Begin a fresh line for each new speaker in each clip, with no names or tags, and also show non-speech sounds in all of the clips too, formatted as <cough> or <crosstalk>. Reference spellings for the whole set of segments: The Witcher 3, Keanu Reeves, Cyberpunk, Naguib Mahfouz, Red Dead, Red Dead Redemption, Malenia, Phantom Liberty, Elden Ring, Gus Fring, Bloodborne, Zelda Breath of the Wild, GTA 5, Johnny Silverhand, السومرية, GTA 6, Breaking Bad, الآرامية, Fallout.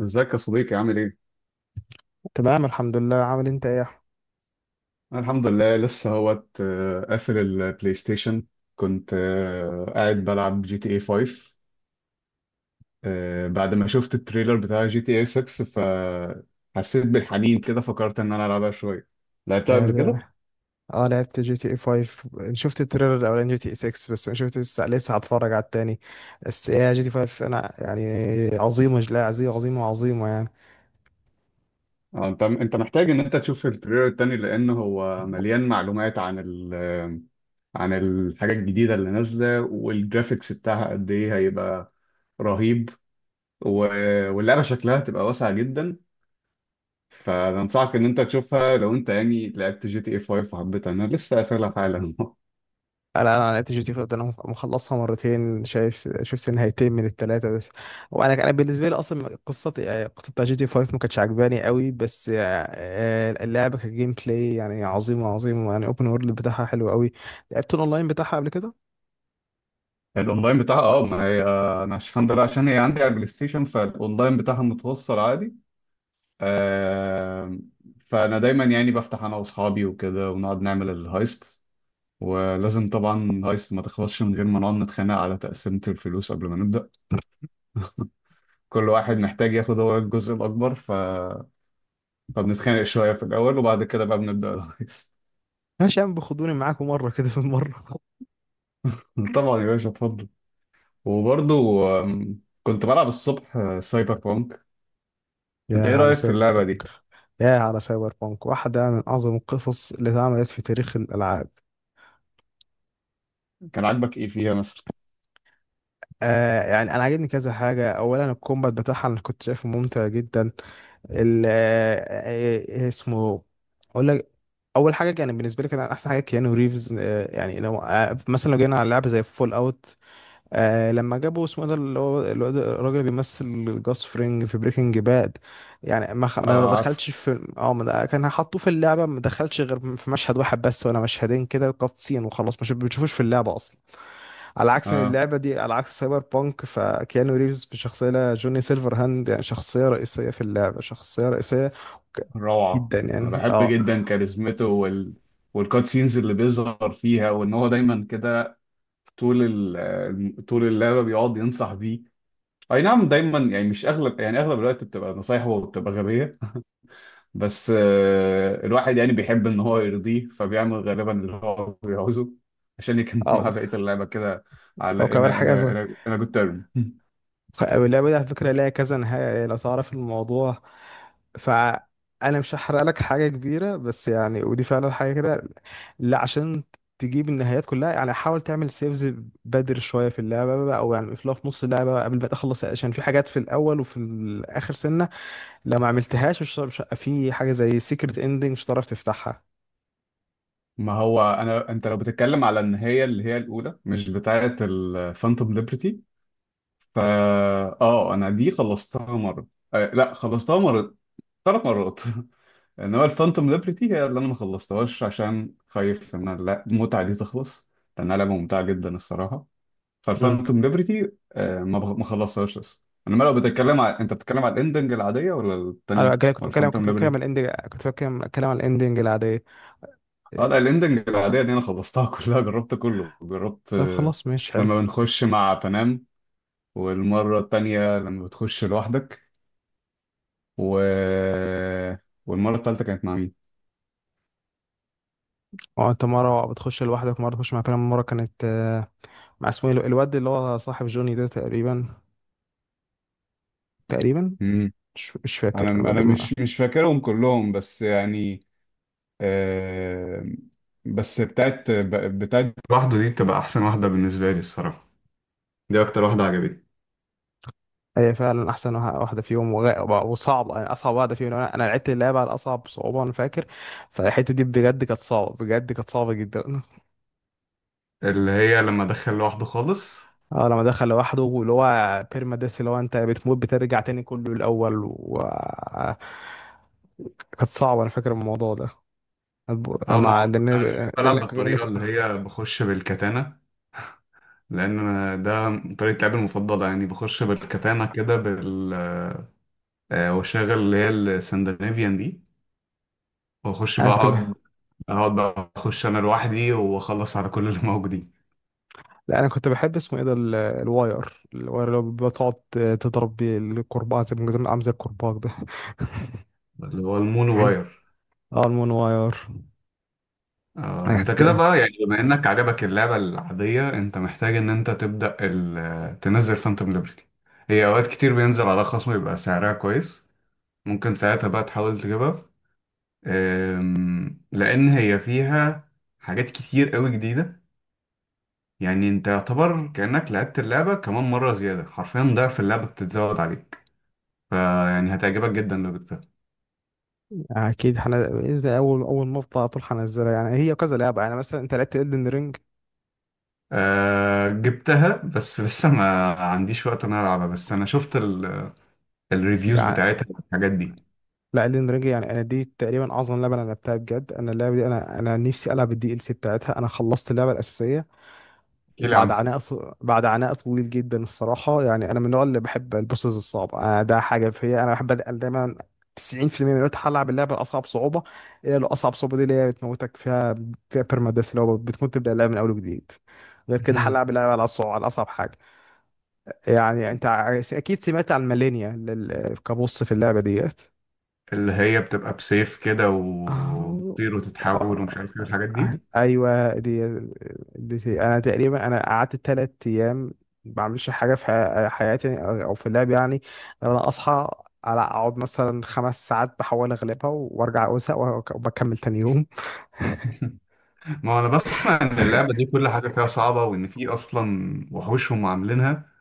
ازيك يا صديقي عامل ايه؟
تمام الحمد لله. عامل إيه انت، ايه يا احمد؟
أنا الحمد لله لسه اهوت، قافل البلاي ستيشن. كنت قاعد بلعب جي تي اي 5، بعد ما شفت التريلر بتاع جي تي اي 6. فحسيت بالحنين كده، فكرت ان انا العبها شوية. لعبتها قبل
اه.
كده؟
لعبت جي تي اي 5. شفت التريلر الاولاني جي تي اي 6، بس انا شفت. لسه هتفرج على التاني. بس ايه جي تي 5، انا يعني عظيمه، لا عظيمه عظيمه عظيمه يعني.
انت محتاج ان انت تشوف التريلر التاني، لان هو مليان معلومات عن ال عن الحاجات الجديدة اللي نازلة، والجرافيكس بتاعها قد ايه هيبقى رهيب. واللعبة شكلها تبقى واسعة جدا. فانصحك ان انت تشوفها لو انت يعني لعبت جي تي اي 5 وحبيتها. انا لسه قافلها حالا. <laughs>
انا لعبت جي تي 5 ده، انا مخلصها مرتين. شايف، شفت نهايتين من الثلاثه بس. وانا بالنسبه لي اصلا قصه، يعني قصه بتاع جي تي 5 ما كانتش عجباني قوي، بس اللعبه كجيم بلاي يعني عظيمه عظيمه، يعني اوبن وورلد بتاعها حلو قوي. لعبت الاونلاين بتاعها قبل كده.
الاونلاين بتاعها، اه، ما هي انا الحمد لله، عشان هي عندي على البلاي ستيشن، فالاونلاين بتاعها متوصل عادي. آه فانا دايما يعني بفتح انا واصحابي وكده ونقعد نعمل الهايست. ولازم طبعا الهايست ما تخلصش من غير ما نقعد نتخانق على تقسيمة الفلوس قبل ما نبدأ. كل واحد محتاج ياخد هو الجزء الأكبر، فبنتخانق شوية في الأول، وبعد كده بقى بنبدأ الهايست.
ماشي يا عم، بخدوني معاكم مرة كده، في المرة.
<laughs> طبعا يا باشا، اتفضل. وبرضو كنت بلعب الصبح سايبر بونك.
يا
انت ايه
على
رأيك في
سايبر
اللعبة دي؟
بانك. يا على سايبر بانك واحدة من أعظم القصص اللي اتعملت في تاريخ الألعاب.
كان عاجبك ايه فيها مثلا؟
يعني أنا عاجبني كذا حاجة. أولا الكومبات بتاعها أنا كنت شايفه ممتع جدا. ال آه، آه، آه، اسمه، أقول لك. أول حاجة يعني بالنسبة لي كان أحسن حاجة كيانو ريفز. يعني لو مثلا لو جينا على لعبة زي فول أوت، لما جابوا اسمه ده اللي هو الواد الراجل اللي بيمثل جاس فرينج في بريكنج باد، يعني ما
اه، عارف.
دخلش في اه ما د- كان هيحطوه في اللعبه، ما دخلش غير في مشهد واحد بس ولا مشهدين كده، كات سين وخلاص، مش بتشوفوش في اللعبه اصلا. على عكس إن
اه،
اللعبه دي، على عكس سايبر بانك، فكيانو ريفز بشخصيه لا جوني سيلفر هاند، يعني شخصيه رئيسيه في اللعبه، شخصيه رئيسيه. ك-
روعة.
جدا
انا
يعني
بحب
اه.
جدا كاريزمته، والكات سينز اللي بيظهر فيها، وان هو دايما كده طول ال... طول اللعبة بيقعد ينصح بيه. اي نعم، دايما يعني مش اغلب، يعني اغلب الوقت بتبقى نصايحه وبتبقى غبية. بس الواحد يعني بيحب ان هو يرضيه، فبيعمل غالبا اللي هو بيعوزه عشان يكمل <laughs> معاه
اه،
بقية اللعبة كده. على
وكمان
انا انا
حاجه.
انا انا جود تيرم. <laughs>
اللعبة دي على فكرة ليها كذا نهاية، يعني لو تعرف الموضوع، فأنا مش هحرق لك حاجة كبيرة، بس يعني ودي فعلا حاجة كده. لا، عشان تجيب النهايات كلها يعني، حاول تعمل سيفز بدر شوية في اللعبة بقى، أو يعني في، لو في نص اللعبة بقى قبل ما تخلص، عشان في حاجات في الأول وفي الآخر سنة، لو ما عملتهاش، في حاجة زي سيكرت إندنج مش هتعرف تفتحها.
ما هو انت لو بتتكلم على ان هي اللي هي الاولى، مش بتاعه الفانتوم ليبرتي، فا اه انا دي خلصتها مرة. آه لا، خلصتها مرة ثلاث مرات. <laughs> انما الفانتوم ليبرتي هي اللي انا ما خلصتهاش عشان خايف لا المتعة دي تخلص، لانها لعبة ممتعة جدا الصراحة.
مم.
فالفانتوم ليبرتي ما خلصتهاش لسه. انما لو بتتكلم على انت بتتكلم على الاندنج العاديه ولا الثانيه
أنا
ولا الفانتوم
كنت بتكلم عن
ليبرتي؟
الإندنج، كنت بتكلم عن الإندنج العادية.
اه لا، الاندنج العاديه دي انا خلصتها <laughs> كلها، جربت كله جربت
طب
آه.
خلاص ماشي حلو.
لما بنخش مع بنام، والمره الثانيه لما بتخش لوحدك، و... والمره الثالثه كانت مع مين؟
اه، انت مرة بتخش لوحدك، مرة تخش مع كلام، مرة كانت مع اسمه ايه الواد اللي هو صاحب جوني ده، تقريبا، تقريبا.
مم.
مش فاكر،
انا
انا
انا
بلم.
مش مش فاكرهم كلهم، بس يعني آه، بس بتاعت لوحده دي بتبقى احسن واحده بالنسبه لي الصراحه. دي اكتر واحده عجبتني.
هي فعلا احسن واحدة فيهم، وصعبة، يعني اصعب واحدة فيهم. انا لعبت اللعبة على اصعب صعوبة، انا فاكر. فالحتة دي بجد كانت صعبة، بجد كانت صعبة جدا.
اللي هي لما ادخل لوحده خالص.
اه، لما دخل لوحده، واللي هو بيرما ديث، اللي هو انت بتموت بترجع تاني كله الاول، و كانت صعبة، انا فاكر الموضوع ده. أب-
اه ما
مع
هو
ده اللي-
انا مش بحب
ده
العب
اللي-
بالطريقه اللي هي بخش بالكتانه. لان أنا ده طريقه لعبي المفضله، يعني بخش بالكتانه كده واشغل اللي هي السندنافيان دي، واخش
انا
بقى
كنت
اقعد، اقعد بقى اخش انا لوحدي واخلص على كل اللي موجودين.
لا، انا كنت بحب اسمه ايه ده، الواير اللي هو بتقعد تضرب بيه الكرباج، عامل زي الكرباج ده. <laughs>
اللي هو المون واير.
اه، المون واير.
انت كده
هت-
بقى يعني بما انك عجبك اللعبه العاديه، انت محتاج ان انت تنزل فانتوم ليبرتي. هي اوقات كتير بينزل على خصم، يبقى سعرها كويس، ممكن ساعتها بقى تحاول تجيبها. لأن هي فيها حاجات كتير قوي جديدة. يعني انت يعتبر كأنك لعبت اللعبة كمان مرة زيادة، حرفيا ضعف اللعبة بتتزود عليك، فيعني هتعجبك جدا لو جبتها.
اكيد، حنا باذن اول ما افضل على طول هنزلها، يعني هي كذا لعبه، يعني مثلا انت لعبت الدن رينج.
أه، جبتها بس <laughs> لسه ما عنديش وقت ان انا العبها. بس انا شفت الريفيوز
يعني
بتاعتها والحاجات دي.
لا، الدن رينج يعني انا دي تقريبا اعظم لعبه انا لعبتها بجد. انا اللعبه دي، انا نفسي العب الدي ال سي بتاعتها. انا خلصت اللعبه الاساسيه
احكيلي
وبعد
عنها.
عناء بعد عناء طويل جدا الصراحة. يعني أنا من النوع اللي بحب البوسز الصعبة، ده حاجة فيا، أنا بحب أتقل دايما. 90% من الوقت هلعب اللعبة الأصعب صعوبة. هي لو أصعب صعوبة، دي اللي هي بتموتك فيها، فيها ديث اللي هو بتموت تبدأ اللعبة من أول وجديد. غير كده
مهم.
هلعب اللعبة على الصعوبة، على أصعب حاجة. يعني أنت أكيد سمعت عن مالينيا، كبوس في اللعبة ديت.
اللي هي بتبقى بسيف كده
آه،
وبتطير وتتحول ومش عارف ايه الحاجات دي.
ايوه دي, دي انا تقريبا، انا قعدت 3 ايام ما بعملش حاجه في حياتي، او في اللعب يعني. انا اصحى على اقعد مثلا 5 ساعات بحاول اغلبها، وارجع ازهق، وبكمل تاني يوم.
<laughs> ما هو انا بسمع ان اللعبه دي كل حاجه فيها صعبه، وان في اصلا وحوشهم عاملينها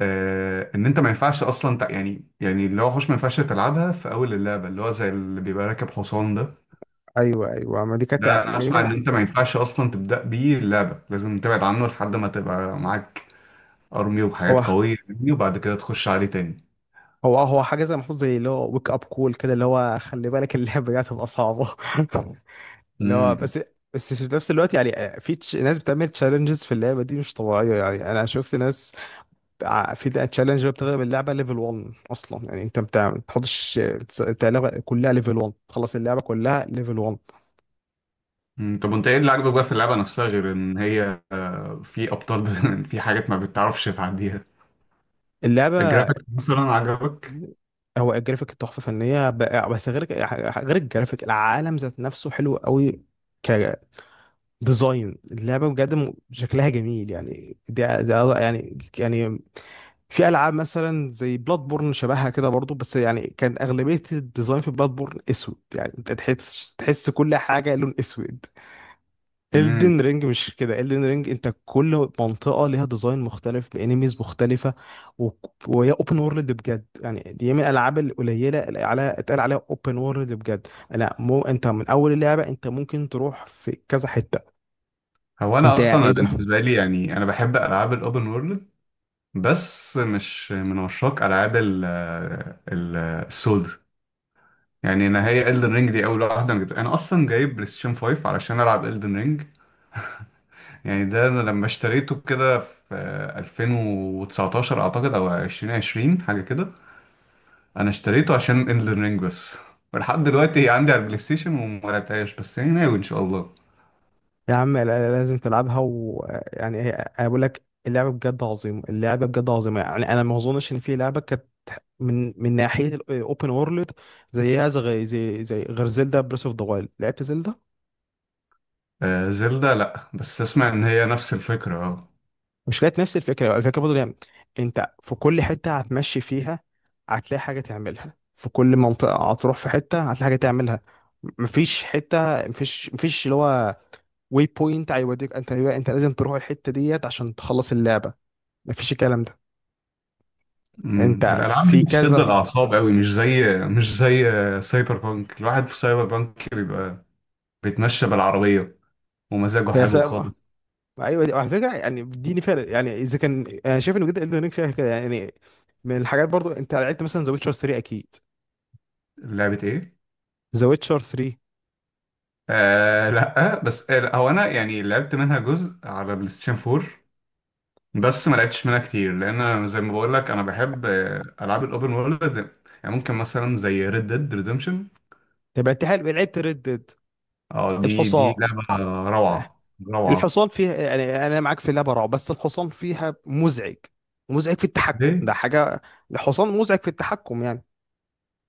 ان انت ما ينفعش اصلا يعني اللي هو وحوش ما ينفعش تلعبها في اول اللعبه، اللي هو زي اللي بيبقى راكب حصان ده.
ايوه ايوه،
ده
ما
انا
دي
اسمع ان
كانت.
انت ما ينفعش اصلا تبدا بيه اللعبه، لازم تبعد عنه لحد ما تبقى معاك ارمي وحاجات
هو
قويه يعني، وبعد كده تخش عليه تاني.
هو حاجه زي محطوط، زي اللي هو ويك اب كول كده، اللي هو خلي بالك اللعبه دي هتبقى صعبه. <laughs> اللي هو
امم
بس، بس في نفس الوقت يعني في ناس بتعمل تشالنجز في اللعبه دي مش طبيعيه. يعني انا شفت ناس في تشالنج بتغلب اللعبه ليفل 1 اصلا، يعني انت بتاع ما بتحطش، بتاع اللعبه كلها ليفل 1، تخلص اللعبه كلها ليفل 1.
أمم، طب وانت ايه اللي عاجبك بقى في اللعبه نفسها، غير ان هي في ابطال <laughs> في حاجات ما بتعرفش تعديها؟
اللعبه،
الجرافيك مثلا عجبك؟
هو الجرافيك تحفه فنيه، بس غير الجرافيك، العالم ذات نفسه حلو قوي. كديزاين اللعبه بجد شكلها جميل. يعني ده يعني، في العاب مثلا زي بلاد بورن شبهها كده برضو، بس يعني كان اغلبيه الديزاين في بلاد بورن اسود، يعني انت تحس كل حاجه لون اسود. الدن رينج مش كده. الدن رينج انت كل منطقه ليها ديزاين مختلف، بانيميز مختلفه. و... وهي اوبن وورلد بجد، يعني دي من الالعاب القليله اللي على اتقال عليها اوبن وورلد بجد. لا، مو، انت من اول اللعبه انت ممكن تروح في كذا حته.
هو انا
انت ايه
اصلا
ده.
بالنسبه لي يعني انا بحب العاب الاوبن وورلد، بس مش من عشاق العاب ال- السولد. يعني انا هي Elden Ring دي اول واحده انا جبتها. انا اصلا جايب بلاي ستيشن 5 علشان العب Elden Ring. يعني ده انا لما اشتريته كده في 2019 اعتقد او 2020، حاجه كده. انا اشتريته عشان Elden Ring بس، ولحد دلوقتي هي عندي على البلاي ستيشن وما لعبتهاش، بس يعني ناوي ان شاء الله.
يا عم لازم تلعبها، ويعني هي أنا بقول لك اللعبه بجد عظيمه، اللعبه بجد عظيمه، يعني انا ما اظنش ان في لعبه كانت، من ناحيه الاوبن وورلد، زيها، زي غير زلدا بريس اوف ذا وايلد. لعبت زلدا.
زلدة لا، بس اسمع ان هي نفس الفكره. اه،
مش كانت نفس الفكره؟ الفكره برضه، يعني انت في كل حته هتمشي فيها هتلاقي حاجه تعملها، في كل منطقه هتروح في حته هتلاقي حاجه تعملها. مفيش حته، مفيش اللي هو واي بوينت هيوديك، انت لازم تروح الحته ديت عشان تخلص اللعبه. مفيش الكلام ده. انت
الالعاب دي
في
بتشد
كذا.
الاعصاب قوي، مش زي سايبر بانك، الواحد في سايبر بانك بيبقى بيتمشى بالعربيه ومزاجه
هي
حلو خالص.
سابقة. ايوه دي، وعلى فكره يعني اديني فارق، يعني اذا كان انا شايف ان جدا الدن رينج فيها كده يعني. من الحاجات، برضو انت لعبت مثلا ذا ويتشر 3 اكيد.
لعبه ايه؟
ذا ويتشر 3.
آه لا بس، آه، لا، هو انا يعني لعبت منها جزء على بلاي ستيشن 4، بس ما لعبتش منها كتير لان أنا زي ما بقول لك انا بحب العاب الاوبن وورلد. يعني ممكن مثلا زي ريد ديد ريدمشن.
طب انت حلو، لعبت ريد ديد؟
اه، دي
الحصان.
لعبه
لا،
روعه، روعه.
الحصان فيها يعني، انا معاك في اللعبه رعب، بس الحصان فيها مزعج، مزعج في التحكم،
ليه؟
ده حاجه. الحصان مزعج في التحكم يعني.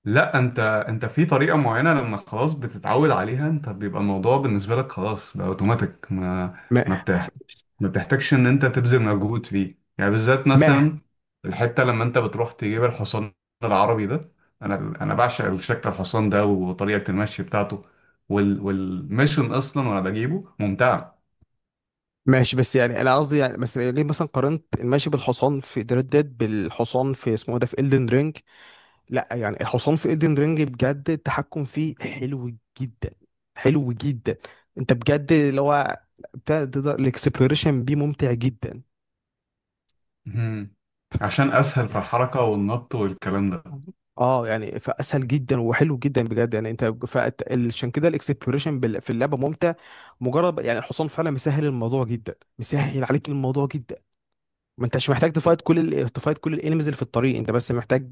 لا، انت في طريقه معينه لما خلاص بتتعود عليها، انت بيبقى الموضوع بالنسبه لك خلاص بقى اوتوماتيك، ما
ما
ما بتحتاجش ما بتحتاجش ان انت تبذل مجهود فيه يعني. بالذات
ما
مثلا الحته لما انت بتروح تجيب الحصان العربي ده، انا انا بعشق شكل الحصان ده وطريقه المشي بتاعته والميشن اصلا، وانا بجيبه ممتعه.
ماشي، بس يعني انا قصدي، يعني بس ليه مثلا قارنت الماشي بالحصان في ريد ديد بالحصان في اسمه إيه ده، في Elden Ring. لا يعني الحصان في ايدن رينج بجد التحكم فيه حلو جدا، حلو جدا. انت بجد اللي هو تقدر، الاكسبلوريشن بيه ممتع جدا.
مهم. عشان اسهل في الحركه والنط والكلام ده.
اه يعني فاسهل جدا وحلو جدا بجد، يعني انت عشان كده الاكسبلوريشن في اللعبه ممتع. مجرد يعني الحصان فعلا مسهل الموضوع جدا، مسهل عليك الموضوع جدا. ما انتش محتاج تفايت كل تفايت كل الانيميز اللي في الطريق. انت بس محتاج،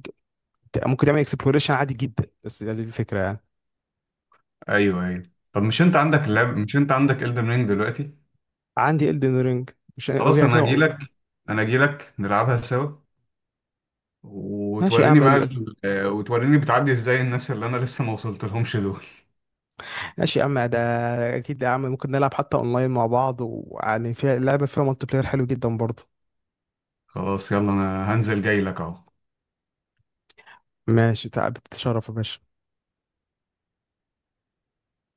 ممكن تعمل اكسبلوريشن عادي جدا، بس دي الفكره يعني.
ايوه، ايوه. طب مش انت عندك Elden Ring دلوقتي؟
عندي Elden Ring، مش
خلاص،
وهي فيها.
انا اجي لك نلعبها سوا،
ماشي يا
وتوريني
عم.
بقى وتوريني بتعدي ازاي الناس اللي انا لسه ما وصلت لهمش دول.
ماشي يا عم ده. اكيد يا عم، ممكن نلعب حتى اونلاين مع بعض، ويعني فيها لعبه، فيها مالتي بلاير حلو جدا برضه.
خلاص يلا، انا هنزل جاي لك اهو.
ماشي، تعب تشرف يا باشا.